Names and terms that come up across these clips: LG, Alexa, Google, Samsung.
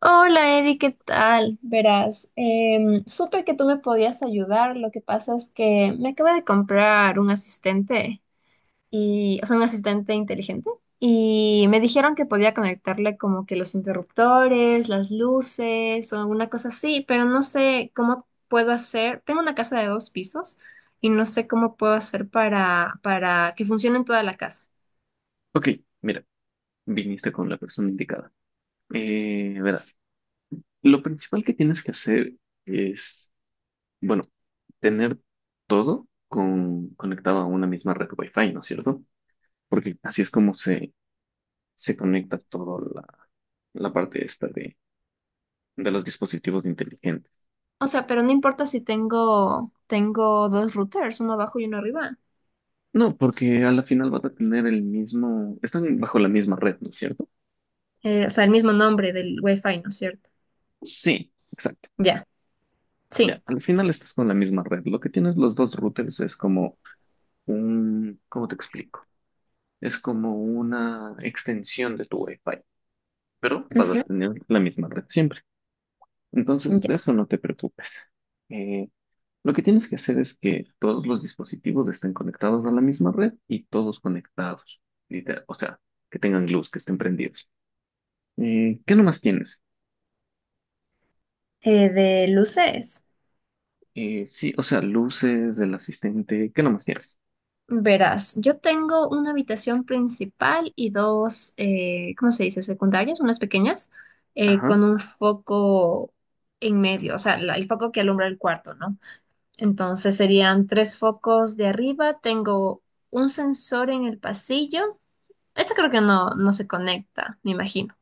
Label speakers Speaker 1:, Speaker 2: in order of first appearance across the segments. Speaker 1: Hola Eddie, ¿qué tal? Verás, supe que tú me podías ayudar. Lo que pasa es que me acabo de comprar un asistente y, o sea, un asistente inteligente y me dijeron que podía conectarle como que los interruptores, las luces o alguna cosa así, pero no sé cómo puedo hacer. Tengo una casa de dos pisos y no sé cómo puedo hacer para que funcione en toda la casa.
Speaker 2: Ok, mira, viniste con la persona indicada. Verás, lo principal que tienes que hacer es, bueno, tener todo conectado a una misma red Wi-Fi, ¿no es cierto? Porque así es como se conecta toda la parte esta de los dispositivos inteligentes.
Speaker 1: O sea, pero no importa si tengo dos routers, uno abajo y uno arriba.
Speaker 2: No, porque a la final vas a tener el mismo, están bajo la misma red, ¿no es cierto?
Speaker 1: O sea, el mismo nombre del Wi-Fi, ¿no es cierto?
Speaker 2: Sí, exacto.
Speaker 1: Ya,
Speaker 2: Ya,
Speaker 1: sí.
Speaker 2: al final estás con la misma red. Lo que tienes los dos routers es como ¿cómo te explico? Es como una extensión de tu Wi-Fi, pero vas a
Speaker 1: Ujú.
Speaker 2: tener la misma red siempre. Entonces, de
Speaker 1: Ya.
Speaker 2: eso no te preocupes. Eh, lo que tienes que hacer es que todos los dispositivos estén conectados a la misma red y todos conectados, literal, o sea, que tengan luz, que estén prendidos. ¿Qué nomás tienes?
Speaker 1: De luces.
Speaker 2: Sí, o sea, luces, el asistente, ¿qué nomás tienes?
Speaker 1: Verás, yo tengo una habitación principal y dos, ¿cómo se dice? Secundarias, unas pequeñas,
Speaker 2: Ajá,
Speaker 1: con un foco en medio, o sea, el foco que alumbra el cuarto, ¿no? Entonces serían tres focos de arriba. Tengo un sensor en el pasillo. Este creo que no, no se conecta, me imagino.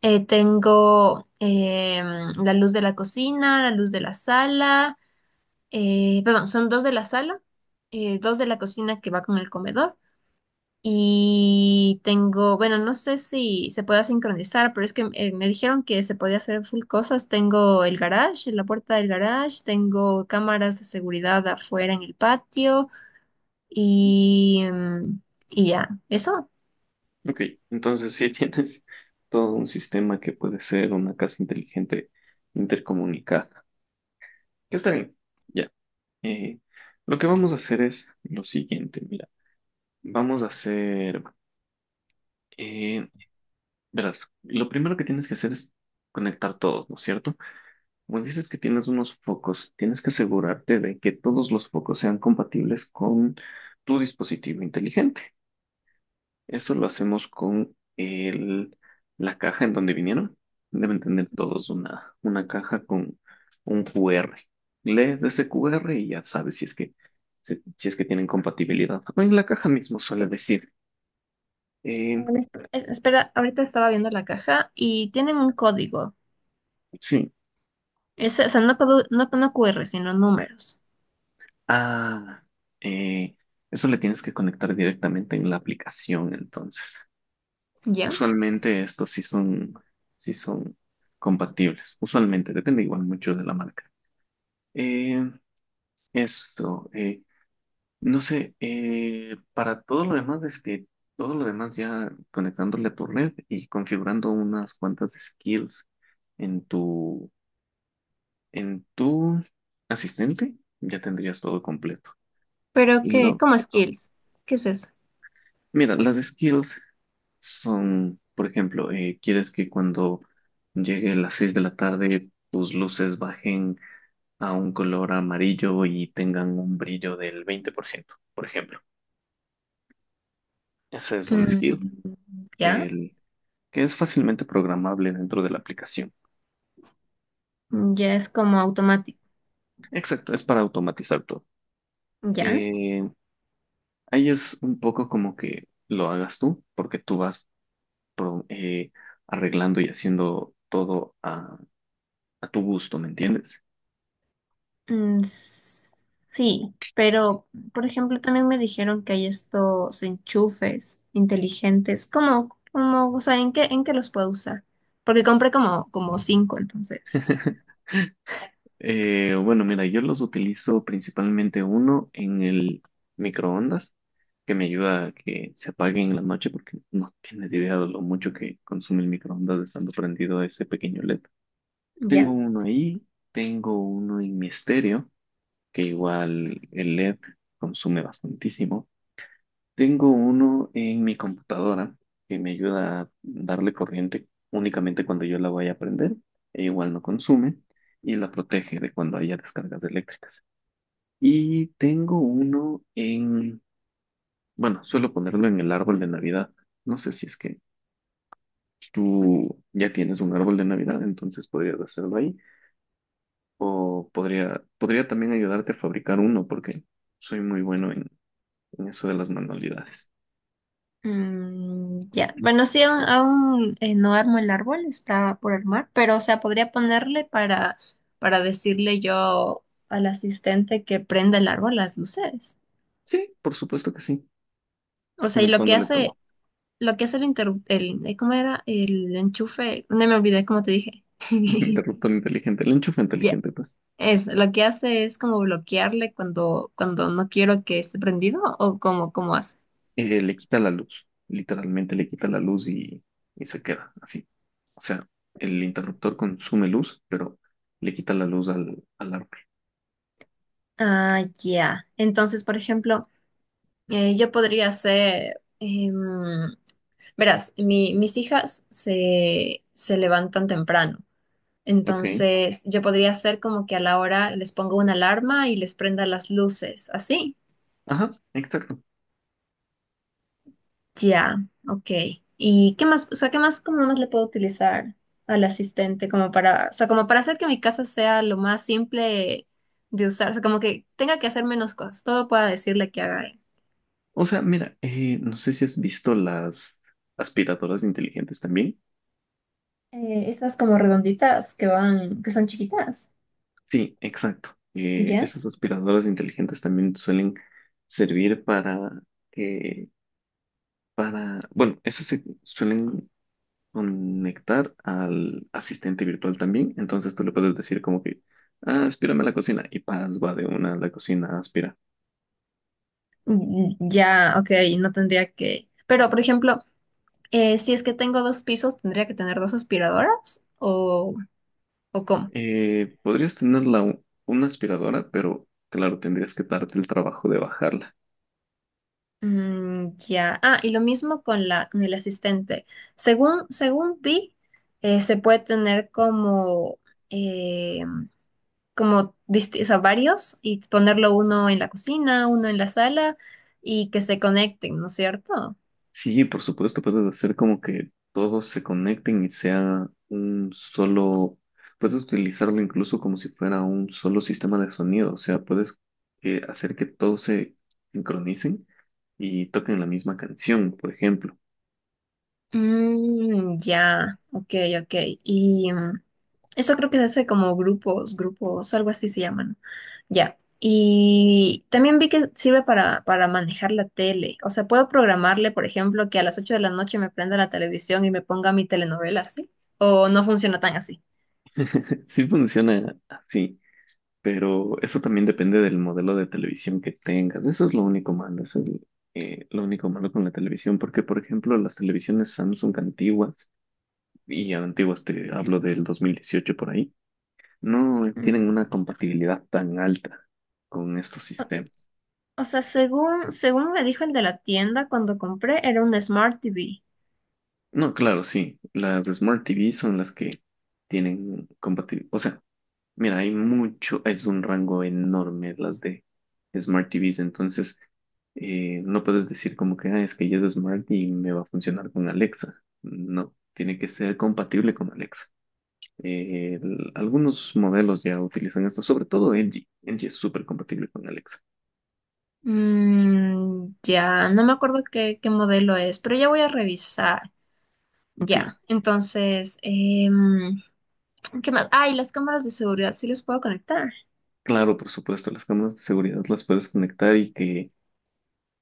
Speaker 1: Tengo la luz de la cocina, la luz de la sala, perdón, son dos de la sala, dos de la cocina que va con el comedor. Y tengo, bueno, no sé si se pueda sincronizar, pero es que me dijeron que se podía hacer full cosas. Tengo el garage, la puerta del garage, tengo cámaras de seguridad afuera en el patio y, em, y ya, eso.
Speaker 2: ok. Entonces, sí tienes todo un sistema que puede ser una casa inteligente intercomunicada. Que está bien. Ya. Eh, lo que vamos a hacer es lo siguiente, mira, vamos a hacer, eh, verás, lo primero que tienes que hacer es conectar todos, ¿no es cierto? Como dices que tienes unos focos, tienes que asegurarte de que todos los focos sean compatibles con tu dispositivo inteligente. Eso lo hacemos con la caja en donde vinieron. Deben tener todos una caja con un QR. Lees ese QR y ya sabes si es que tienen compatibilidad. O en la caja mismo suele decir.
Speaker 1: Ah,
Speaker 2: eh,
Speaker 1: espera, ahorita estaba viendo la caja y tienen un código.
Speaker 2: sí.
Speaker 1: Es, o sea, no, todo no, no QR, sino números.
Speaker 2: Ah, eh, Eso le tienes que conectar directamente en la aplicación, entonces.
Speaker 1: ¿Ya?
Speaker 2: Usualmente estos sí son compatibles. Usualmente, depende igual mucho de la marca. Eh, esto. No sé, para todo lo demás es que todo lo demás ya conectándole a tu red y configurando unas cuantas skills en tu asistente, ya tendrías todo completo.
Speaker 1: Pero
Speaker 2: Y
Speaker 1: qué
Speaker 2: lo-
Speaker 1: como skills. ¿Qué es eso?
Speaker 2: Mira, las skills son, por ejemplo, quieres que cuando llegue las 6 de la tarde tus luces bajen a un color amarillo y tengan un brillo del 20%, por ciento, por ejemplo. Ese es un
Speaker 1: Mm,
Speaker 2: skill que
Speaker 1: ¿ya?
Speaker 2: el que es fácilmente programable dentro de la aplicación.
Speaker 1: Ya es como automático.
Speaker 2: Exacto, es para automatizar todo.
Speaker 1: ¿Ya?
Speaker 2: Eh, Ahí es un poco como que lo hagas tú, porque tú vas pro- eh, arreglando y haciendo todo a tu gusto, ¿me entiendes?
Speaker 1: Mm, sí, pero, por ejemplo, también me dijeron que hay estos enchufes inteligentes. ¿Cómo, o sea, en qué los puedo usar? Porque compré como cinco, entonces.
Speaker 2: Bueno, mira, yo los utilizo principalmente uno en el microondas, que me ayuda a que se apague en la noche, porque no tienes idea de lo mucho que consume el microondas estando prendido ese pequeño LED.
Speaker 1: Ya.
Speaker 2: Tengo uno ahí, tengo uno en mi estéreo, que igual el LED consume bastantísimo. Tengo uno en mi computadora, que me ayuda a darle corriente únicamente cuando yo la voy a prender, e igual no consume, y la protege de cuando haya descargas eléctricas. Y tengo uno bueno, suelo ponerlo en el árbol de Navidad. No sé si es que tú ya tienes un árbol de Navidad, entonces podrías hacerlo ahí. O podría también ayudarte a fabricar uno, porque soy muy bueno en eso de las manualidades.
Speaker 1: Mm, ya, bueno, sí, aún, no armo el árbol, está por armar, pero o sea, podría ponerle para decirle yo al asistente que prenda el árbol las luces.
Speaker 2: Sí, por supuesto que sí.
Speaker 1: O sea, y lo que
Speaker 2: Conectándole
Speaker 1: hace,
Speaker 2: todo.
Speaker 1: lo que hace el interruptor, el, ¿cómo era? El enchufe, no me olvidé cómo te dije.
Speaker 2: El interruptor inteligente, el enchufe
Speaker 1: Ya.
Speaker 2: inteligente, pues.
Speaker 1: Es, lo que hace es como bloquearle cuando no quiero que esté prendido o como, cómo hace.
Speaker 2: Le quita la luz. Literalmente le quita la luz y se queda así. O sea, el interruptor consume luz, pero le quita la luz al árbol.
Speaker 1: Ah, ya. Entonces, por ejemplo. Yo podría ser, verás, mis hijas se levantan temprano,
Speaker 2: Ok.
Speaker 1: entonces yo podría ser como que a la hora les pongo una alarma y les prenda las luces, así.
Speaker 2: Ajá, exacto.
Speaker 1: Ya, ok. ¿Y qué más, o sea, qué más, cómo más le puedo utilizar al asistente como para, o sea, como para hacer que mi casa sea lo más simple de usar, o sea, como que tenga que hacer menos cosas, todo pueda decirle que haga?
Speaker 2: O sea, mira, no sé si has visto las aspiradoras inteligentes también.
Speaker 1: Esas como redonditas que van, que son chiquitas,
Speaker 2: Sí, exacto.
Speaker 1: ¿ya?
Speaker 2: Esas aspiradoras inteligentes también suelen servir para que, bueno, esas se suelen conectar al asistente virtual también. Entonces tú le puedes decir como que, ah, aspírame a la cocina y paz, va de una a la cocina, a aspirar.
Speaker 1: Mm, ya, ok, no tendría que. Pero, por ejemplo, si es que tengo dos pisos, ¿tendría que tener dos aspiradoras? ¿O cómo?
Speaker 2: Podrías tener una aspiradora, pero claro, tendrías que darte el trabajo de bajarla.
Speaker 1: Mm, ya. Ah, y lo mismo con la, con el asistente. Según vi, se puede tener eh, como o sea, varios y ponerlo uno en la cocina, uno en la sala y que se conecten, ¿no es cierto?
Speaker 2: Sí, por supuesto, puedes hacer como que todos se conecten y sea un solo, puedes utilizarlo incluso como si fuera un solo sistema de sonido, o sea, puedes hacer que todos se sincronicen y toquen la misma canción, por ejemplo.
Speaker 1: Mm, ya, ok, ok. Y eso creo que se hace como grupos, grupos, algo así se llaman. Ya. Y también vi que sirve para manejar la tele. O sea, puedo programarle, por ejemplo, que a las 8 de la noche me prenda la televisión y me ponga mi telenovela, ¿sí? O no funciona tan así.
Speaker 2: Sí funciona así, pero eso también depende del modelo de televisión que tengas. Eso es lo único malo, eso es lo único malo con la televisión, porque por ejemplo las televisiones Samsung antiguas, y antiguas te hablo del 2018 por ahí, no
Speaker 1: Mm.
Speaker 2: tienen una compatibilidad tan alta con estos
Speaker 1: O
Speaker 2: sistemas.
Speaker 1: o sea, según me dijo el de la tienda cuando compré, era un Smart TV.
Speaker 2: No, claro, sí, las Smart TV son las que tienen compatibilidad. O sea, mira, hay mucho, es un rango enorme las de Smart TVs, entonces no puedes decir como que, ah, es que ya es Smart y me va a funcionar con Alexa. No, tiene que ser compatible con Alexa. Algunos modelos ya utilizan esto, sobre todo LG. LG es súper compatible con Alexa.
Speaker 1: Mm, ya, no me acuerdo qué, modelo es, pero ya voy a revisar.
Speaker 2: Ok,
Speaker 1: Ya, entonces, ¿qué más? Ay, las cámaras de seguridad sí los puedo conectar.
Speaker 2: claro, por supuesto, las cámaras de seguridad las puedes conectar y que,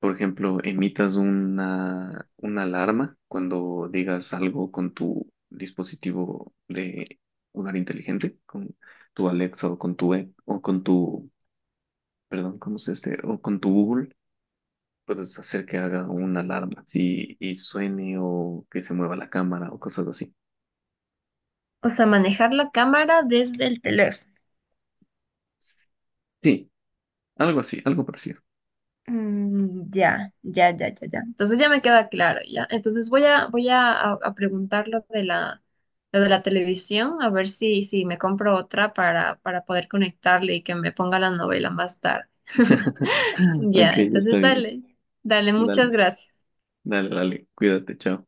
Speaker 2: por ejemplo, emitas una alarma cuando digas algo con tu dispositivo de hogar inteligente, con tu Alexa o con tu, o con tu, perdón, ¿cómo se dice? O con tu Google, puedes hacer que haga una alarma, sí, y suene o que se mueva la cámara o cosas así.
Speaker 1: O sea, manejar la cámara desde el teléfono.
Speaker 2: Sí, algo así, algo parecido.
Speaker 1: Mm, ya, ya, ya, ya, ya. Entonces ya me queda claro, ya. Entonces voy a preguntar lo de la televisión, a ver si me compro otra para poder conectarle y que me ponga la novela más tarde.
Speaker 2: Ok,
Speaker 1: Ya,
Speaker 2: está
Speaker 1: entonces
Speaker 2: bien.
Speaker 1: dale, dale,
Speaker 2: Dale,
Speaker 1: muchas gracias.
Speaker 2: dale, dale, cuídate, chao.